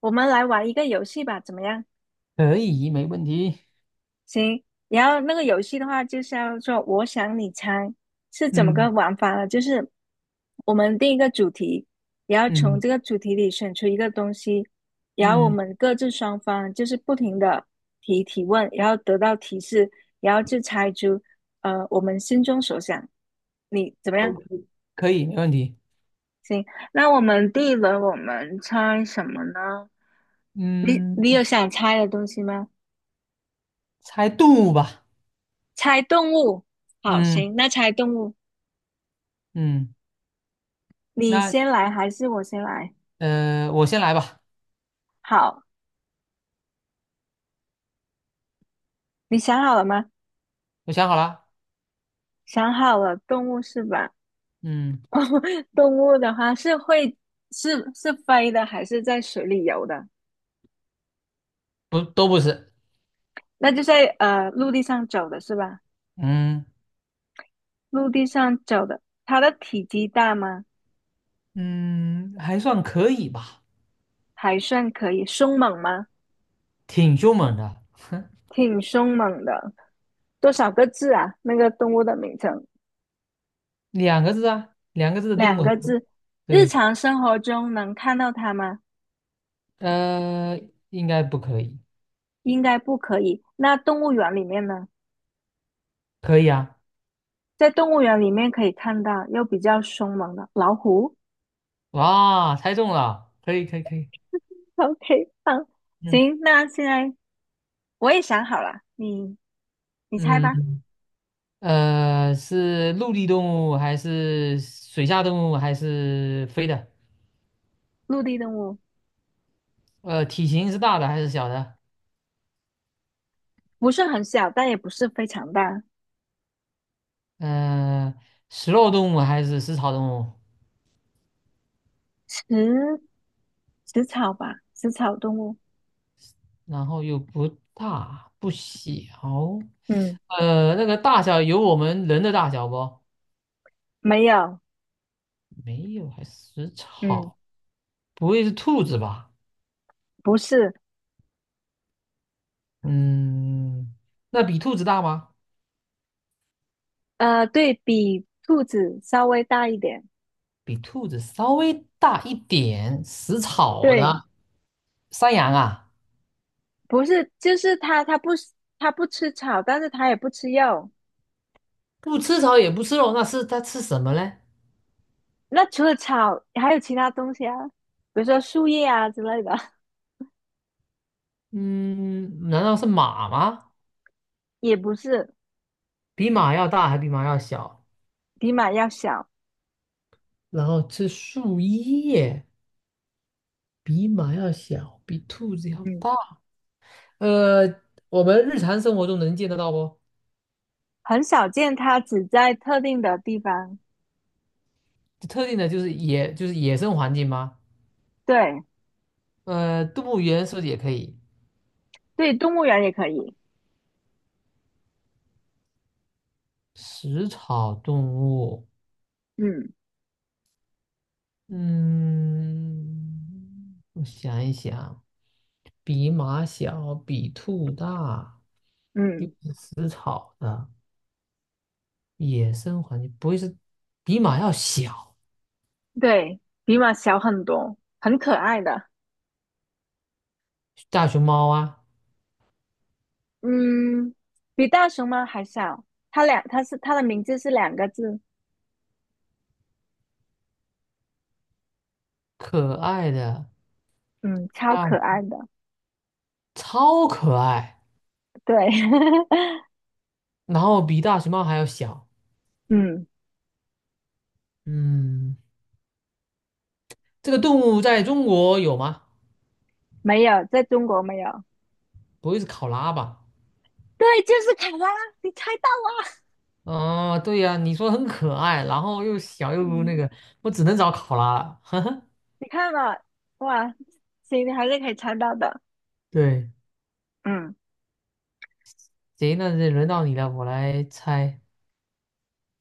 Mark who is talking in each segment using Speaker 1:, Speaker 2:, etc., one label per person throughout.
Speaker 1: 我们来玩一个游戏吧，怎么样？
Speaker 2: 可以，没问题。
Speaker 1: 行，然后那个游戏的话，就是叫做“我想你猜”，是怎么个
Speaker 2: 嗯
Speaker 1: 玩法呢？就是我们定一个主题，然后从
Speaker 2: 嗯
Speaker 1: 这个主题里选出一个东西，然后我
Speaker 2: 嗯
Speaker 1: 们各自双方就是不停的提问，然后得到提示，然后就猜出我们心中所想。你怎么样？
Speaker 2: ，OK,可以，没问题。
Speaker 1: 行，那我们第一轮我们猜什么呢？你
Speaker 2: 嗯，
Speaker 1: 你有想猜的东西吗？
Speaker 2: 猜动物吧。
Speaker 1: 猜动物，好，行，
Speaker 2: 嗯
Speaker 1: 那猜动物，
Speaker 2: 嗯，
Speaker 1: 你
Speaker 2: 那
Speaker 1: 先来还是我先来？
Speaker 2: 我先来吧。
Speaker 1: 好，你想好了吗？
Speaker 2: 我想好了。
Speaker 1: 想好了，动物是吧？
Speaker 2: 嗯，
Speaker 1: 动物的话是会是飞的，还是在水里游的？
Speaker 2: 不，都不是。
Speaker 1: 那就在陆地上走的是吧？
Speaker 2: 嗯，
Speaker 1: 陆地上走的，它的体积大吗？
Speaker 2: 嗯，还算可以吧，
Speaker 1: 还算可以，凶猛吗？
Speaker 2: 挺凶猛的。
Speaker 1: 挺凶猛的。多少个字啊？那个动物的名称
Speaker 2: 两个字啊，两个字的动
Speaker 1: 两
Speaker 2: 物很
Speaker 1: 个
Speaker 2: 多。
Speaker 1: 字。日
Speaker 2: 对，
Speaker 1: 常生活中能看到它吗？
Speaker 2: 呃，应该不可以。
Speaker 1: 应该不可以。那动物园里面呢？
Speaker 2: 可以啊。
Speaker 1: 在动物园里面可以看到又比较凶猛的老虎。
Speaker 2: 哇，猜中了，可以可以可以。
Speaker 1: OK，好，
Speaker 2: 嗯。
Speaker 1: 行，那现在我也想好了，你猜吧。
Speaker 2: 嗯是陆地动物还是水下动物还是飞的？
Speaker 1: 陆地动物
Speaker 2: 体型是大的还是小的？
Speaker 1: 不是很小，但也不是非常大，
Speaker 2: 呃，食肉动物还是食草动物？
Speaker 1: 食食草吧，食草动物。
Speaker 2: 然后又不大不小，
Speaker 1: 嗯，
Speaker 2: 那个大小有我们人的大小不？
Speaker 1: 没有，
Speaker 2: 没有，还食
Speaker 1: 嗯，
Speaker 2: 草，不会是兔子吧？
Speaker 1: 不是，
Speaker 2: 嗯，那比兔子大吗？
Speaker 1: 呃，对比兔子稍微大一点。
Speaker 2: 比兔子稍微大一点，食草
Speaker 1: 对，
Speaker 2: 的山羊啊。
Speaker 1: 不是，就是它，它不吃草，但是它也不吃肉。
Speaker 2: 不吃草也不吃肉，那是它吃什么嘞？
Speaker 1: 那除了草，还有其他东西啊，比如说树叶啊之类的，
Speaker 2: 嗯，难道是马吗？
Speaker 1: 也不是。
Speaker 2: 比马要大还比马要小？
Speaker 1: 比马要小，
Speaker 2: 然后吃树叶，比马要小，比兔子要
Speaker 1: 嗯，
Speaker 2: 大。呃，我们日常生活中能见得到不？
Speaker 1: 很少见，它只在特定的地方。
Speaker 2: 特定的就是野，就是野生环境吗？
Speaker 1: 对
Speaker 2: 动物园是不是也可以？
Speaker 1: 对，动物园也可以。
Speaker 2: 食草动物，
Speaker 1: 嗯
Speaker 2: 嗯，我想一想，比马小，比兔大，又
Speaker 1: 嗯，
Speaker 2: 是食草的。野生环境不会是比马要小，
Speaker 1: 对，比马小很多，很可爱的。
Speaker 2: 大熊猫啊，
Speaker 1: 嗯，比大熊猫还小。它两，它是它的名字是两个字。
Speaker 2: 可爱的，
Speaker 1: 嗯，超
Speaker 2: 大，
Speaker 1: 可爱的。
Speaker 2: 超可爱，
Speaker 1: 对，
Speaker 2: 然后比大熊猫还要小。
Speaker 1: 嗯，
Speaker 2: 嗯，这个动物在中国有吗？
Speaker 1: 没有，在中国没有。
Speaker 2: 不会是考拉吧？
Speaker 1: 对，就是卡拉，你猜到了。
Speaker 2: 啊，对呀，你说很可爱，然后又小 又
Speaker 1: 嗯
Speaker 2: 那个，我只能找考拉了。呵呵，
Speaker 1: 你看了，哇，行，你还是可以猜到的。
Speaker 2: 对，
Speaker 1: 嗯，
Speaker 2: 行，那就轮到你了，我来猜。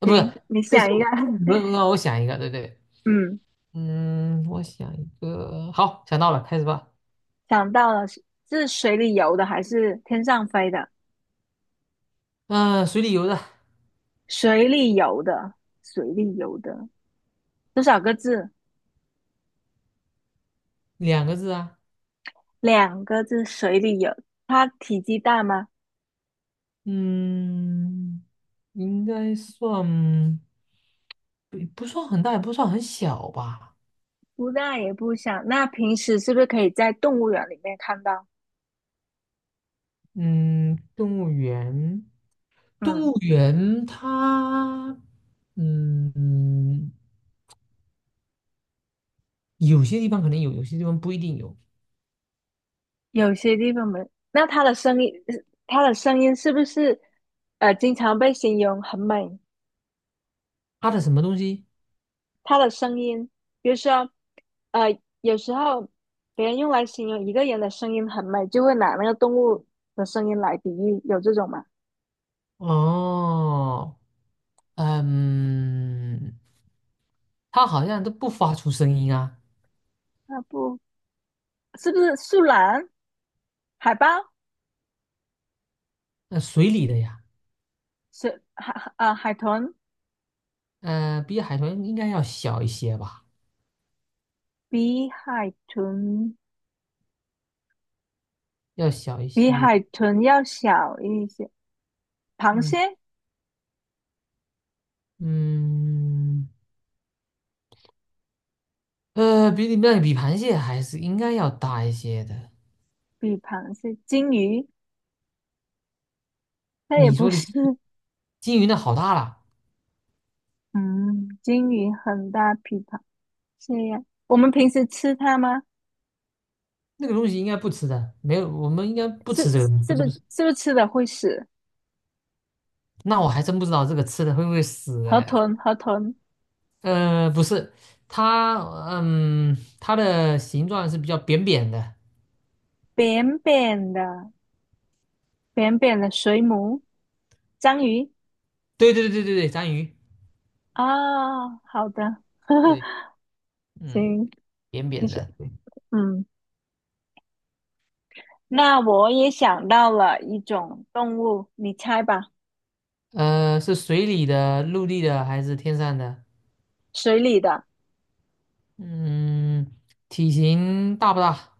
Speaker 2: 啊，不
Speaker 1: 行，
Speaker 2: 是，
Speaker 1: 你
Speaker 2: 这
Speaker 1: 想
Speaker 2: 是
Speaker 1: 一个，
Speaker 2: 我 轮到我想一个，对对，
Speaker 1: 嗯，
Speaker 2: 嗯，我想一个，好，想到了，开始吧。
Speaker 1: 想到了，是水里游的还是天上飞的？
Speaker 2: 嗯、水里游的。
Speaker 1: 水里游的，水里游的，多少个字？
Speaker 2: 两个字啊，
Speaker 1: 两个字，水里游。它体积大吗？
Speaker 2: 嗯，应该算不算很大，也不算很小吧。
Speaker 1: 不大也不小。那平时是不是可以在动物园里面看到？
Speaker 2: 嗯，动物园，
Speaker 1: 嗯，
Speaker 2: 动物园它，嗯，有些地方可能有，有些地方不一定有。
Speaker 1: 有些地方没。那它的声音，它的声音是不是经常被形容很美？
Speaker 2: 它的什么东西？
Speaker 1: 它的声音，比如说，有时候别人用来形容一个人的声音很美，就会拿那个动物的声音来比喻，有这种吗？
Speaker 2: 哦，嗯，它好像都不发出声音啊。
Speaker 1: 啊，不是不是树懒、海豹、
Speaker 2: 那、水里的呀，
Speaker 1: 海豚，
Speaker 2: 比海豚应该要小一些吧，
Speaker 1: 比海豚
Speaker 2: 要小一
Speaker 1: 比
Speaker 2: 些。
Speaker 1: 海豚要小一些，螃
Speaker 2: 嗯。
Speaker 1: 蟹，
Speaker 2: 嗯，比你那比螃蟹还是应该要大一些的。
Speaker 1: 鲸鱼那也
Speaker 2: 你
Speaker 1: 不
Speaker 2: 说的
Speaker 1: 是，
Speaker 2: 金鱼那好大了，
Speaker 1: 嗯，鲸鱼很大，比螃蟹呀。我们平时吃它吗？
Speaker 2: 那个东西应该不吃的，没有，我们应该不吃
Speaker 1: 是
Speaker 2: 这个东西，
Speaker 1: 是
Speaker 2: 不
Speaker 1: 不
Speaker 2: 是不
Speaker 1: 是
Speaker 2: 是。
Speaker 1: 是不是吃了会死？
Speaker 2: 那我还真不知道这个吃的会不会死
Speaker 1: 河
Speaker 2: 哎。
Speaker 1: 豚，河豚，
Speaker 2: 不是，它，嗯，它的形状是比较扁扁的。
Speaker 1: 扁扁的，扁扁的水母，章鱼
Speaker 2: 对对对对对对，章鱼，
Speaker 1: 啊、好的，
Speaker 2: 对，嗯，
Speaker 1: 行，
Speaker 2: 扁
Speaker 1: 你
Speaker 2: 扁
Speaker 1: 是
Speaker 2: 的。
Speaker 1: 嗯，那我也想到了一种动物，你猜吧，
Speaker 2: 是水里的、陆地的还是天上的？
Speaker 1: 水里的，
Speaker 2: 嗯，体型大不大？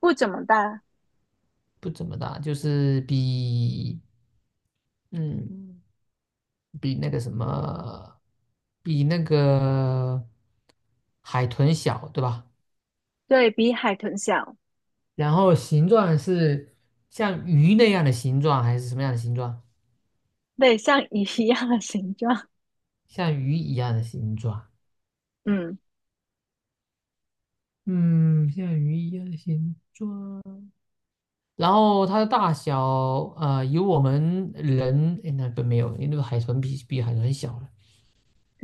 Speaker 1: 不怎么大，
Speaker 2: 不怎么大，就是比嗯比那个什么比那个海豚小，对吧？
Speaker 1: 对比海豚小，
Speaker 2: 然后形状是像鱼那样的形状，还是什么样的形状？
Speaker 1: 对，像鱼一样的形状，
Speaker 2: 像鱼一样的形状，
Speaker 1: 嗯，
Speaker 2: 嗯，像鱼一样的形状。然后它的大小，有我们人，诶那不没有，因为那个海豚比海豚小了。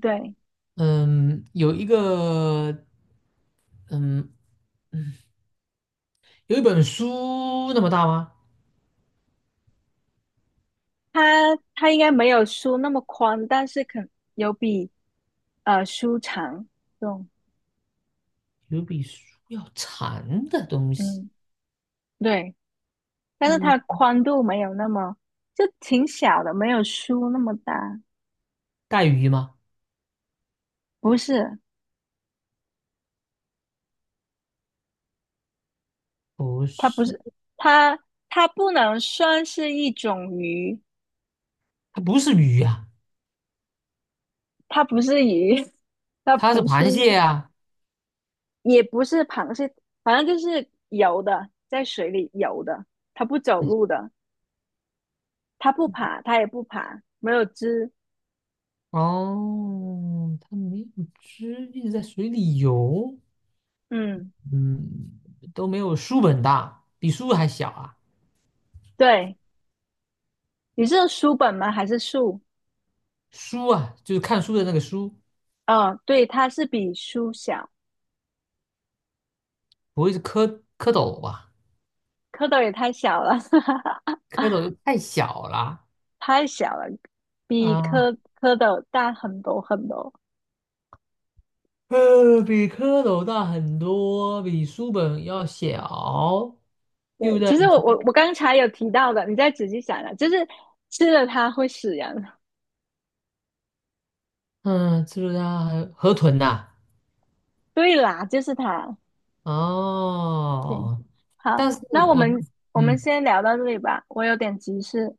Speaker 1: 对，
Speaker 2: 嗯，有一个，嗯。有一本书那么大吗？
Speaker 1: 它它应该没有书那么宽，但是肯有比书长，对，
Speaker 2: 有比书要长的东西，
Speaker 1: 嗯，对。但是
Speaker 2: 嗯，
Speaker 1: 它宽度没有那么，就挺小的，没有书那么大。
Speaker 2: 带鱼吗？
Speaker 1: 不是，
Speaker 2: 不
Speaker 1: 它不
Speaker 2: 是，
Speaker 1: 是，它它不能算是一种鱼，
Speaker 2: 它不是鱼啊，
Speaker 1: 它不是鱼，它
Speaker 2: 它是
Speaker 1: 不
Speaker 2: 螃
Speaker 1: 是，
Speaker 2: 蟹啊。
Speaker 1: 也不是螃蟹，反正就是游的，在水里游的，它不走
Speaker 2: 哎，
Speaker 1: 路的，它不爬，它也不爬，没有肢。
Speaker 2: 哦，它没有汁，一直在水里游，
Speaker 1: 嗯，
Speaker 2: 嗯，都没有书本大，比书还小啊。
Speaker 1: 对，你是书本吗？还是树？
Speaker 2: 书啊，就是看书的那个书，
Speaker 1: 哦，对，它是比书小，
Speaker 2: 不会是蝌蝌蚪吧？
Speaker 1: 蝌蚪也太小了。
Speaker 2: 蝌蚪又太小了
Speaker 1: 太小了，比
Speaker 2: 啊。
Speaker 1: 蝌蝌蚪大很多很多。
Speaker 2: 比蝌蚪大很多，比书本要小，又
Speaker 1: 对，
Speaker 2: 在
Speaker 1: 其实
Speaker 2: 比
Speaker 1: 我
Speaker 2: 书。
Speaker 1: 我我刚才有提到的，你再仔细想啊，就是吃了它会死人。
Speaker 2: 嗯，是道它还河豚呐、
Speaker 1: 对啦，就是它。行，
Speaker 2: 哦，
Speaker 1: 好，
Speaker 2: 但是
Speaker 1: 那我
Speaker 2: 我。
Speaker 1: 们我们
Speaker 2: 嗯
Speaker 1: 先聊到这里吧，我有点急事。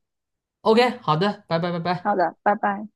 Speaker 2: ，OK,好的，拜拜拜拜。
Speaker 1: 好的，拜拜。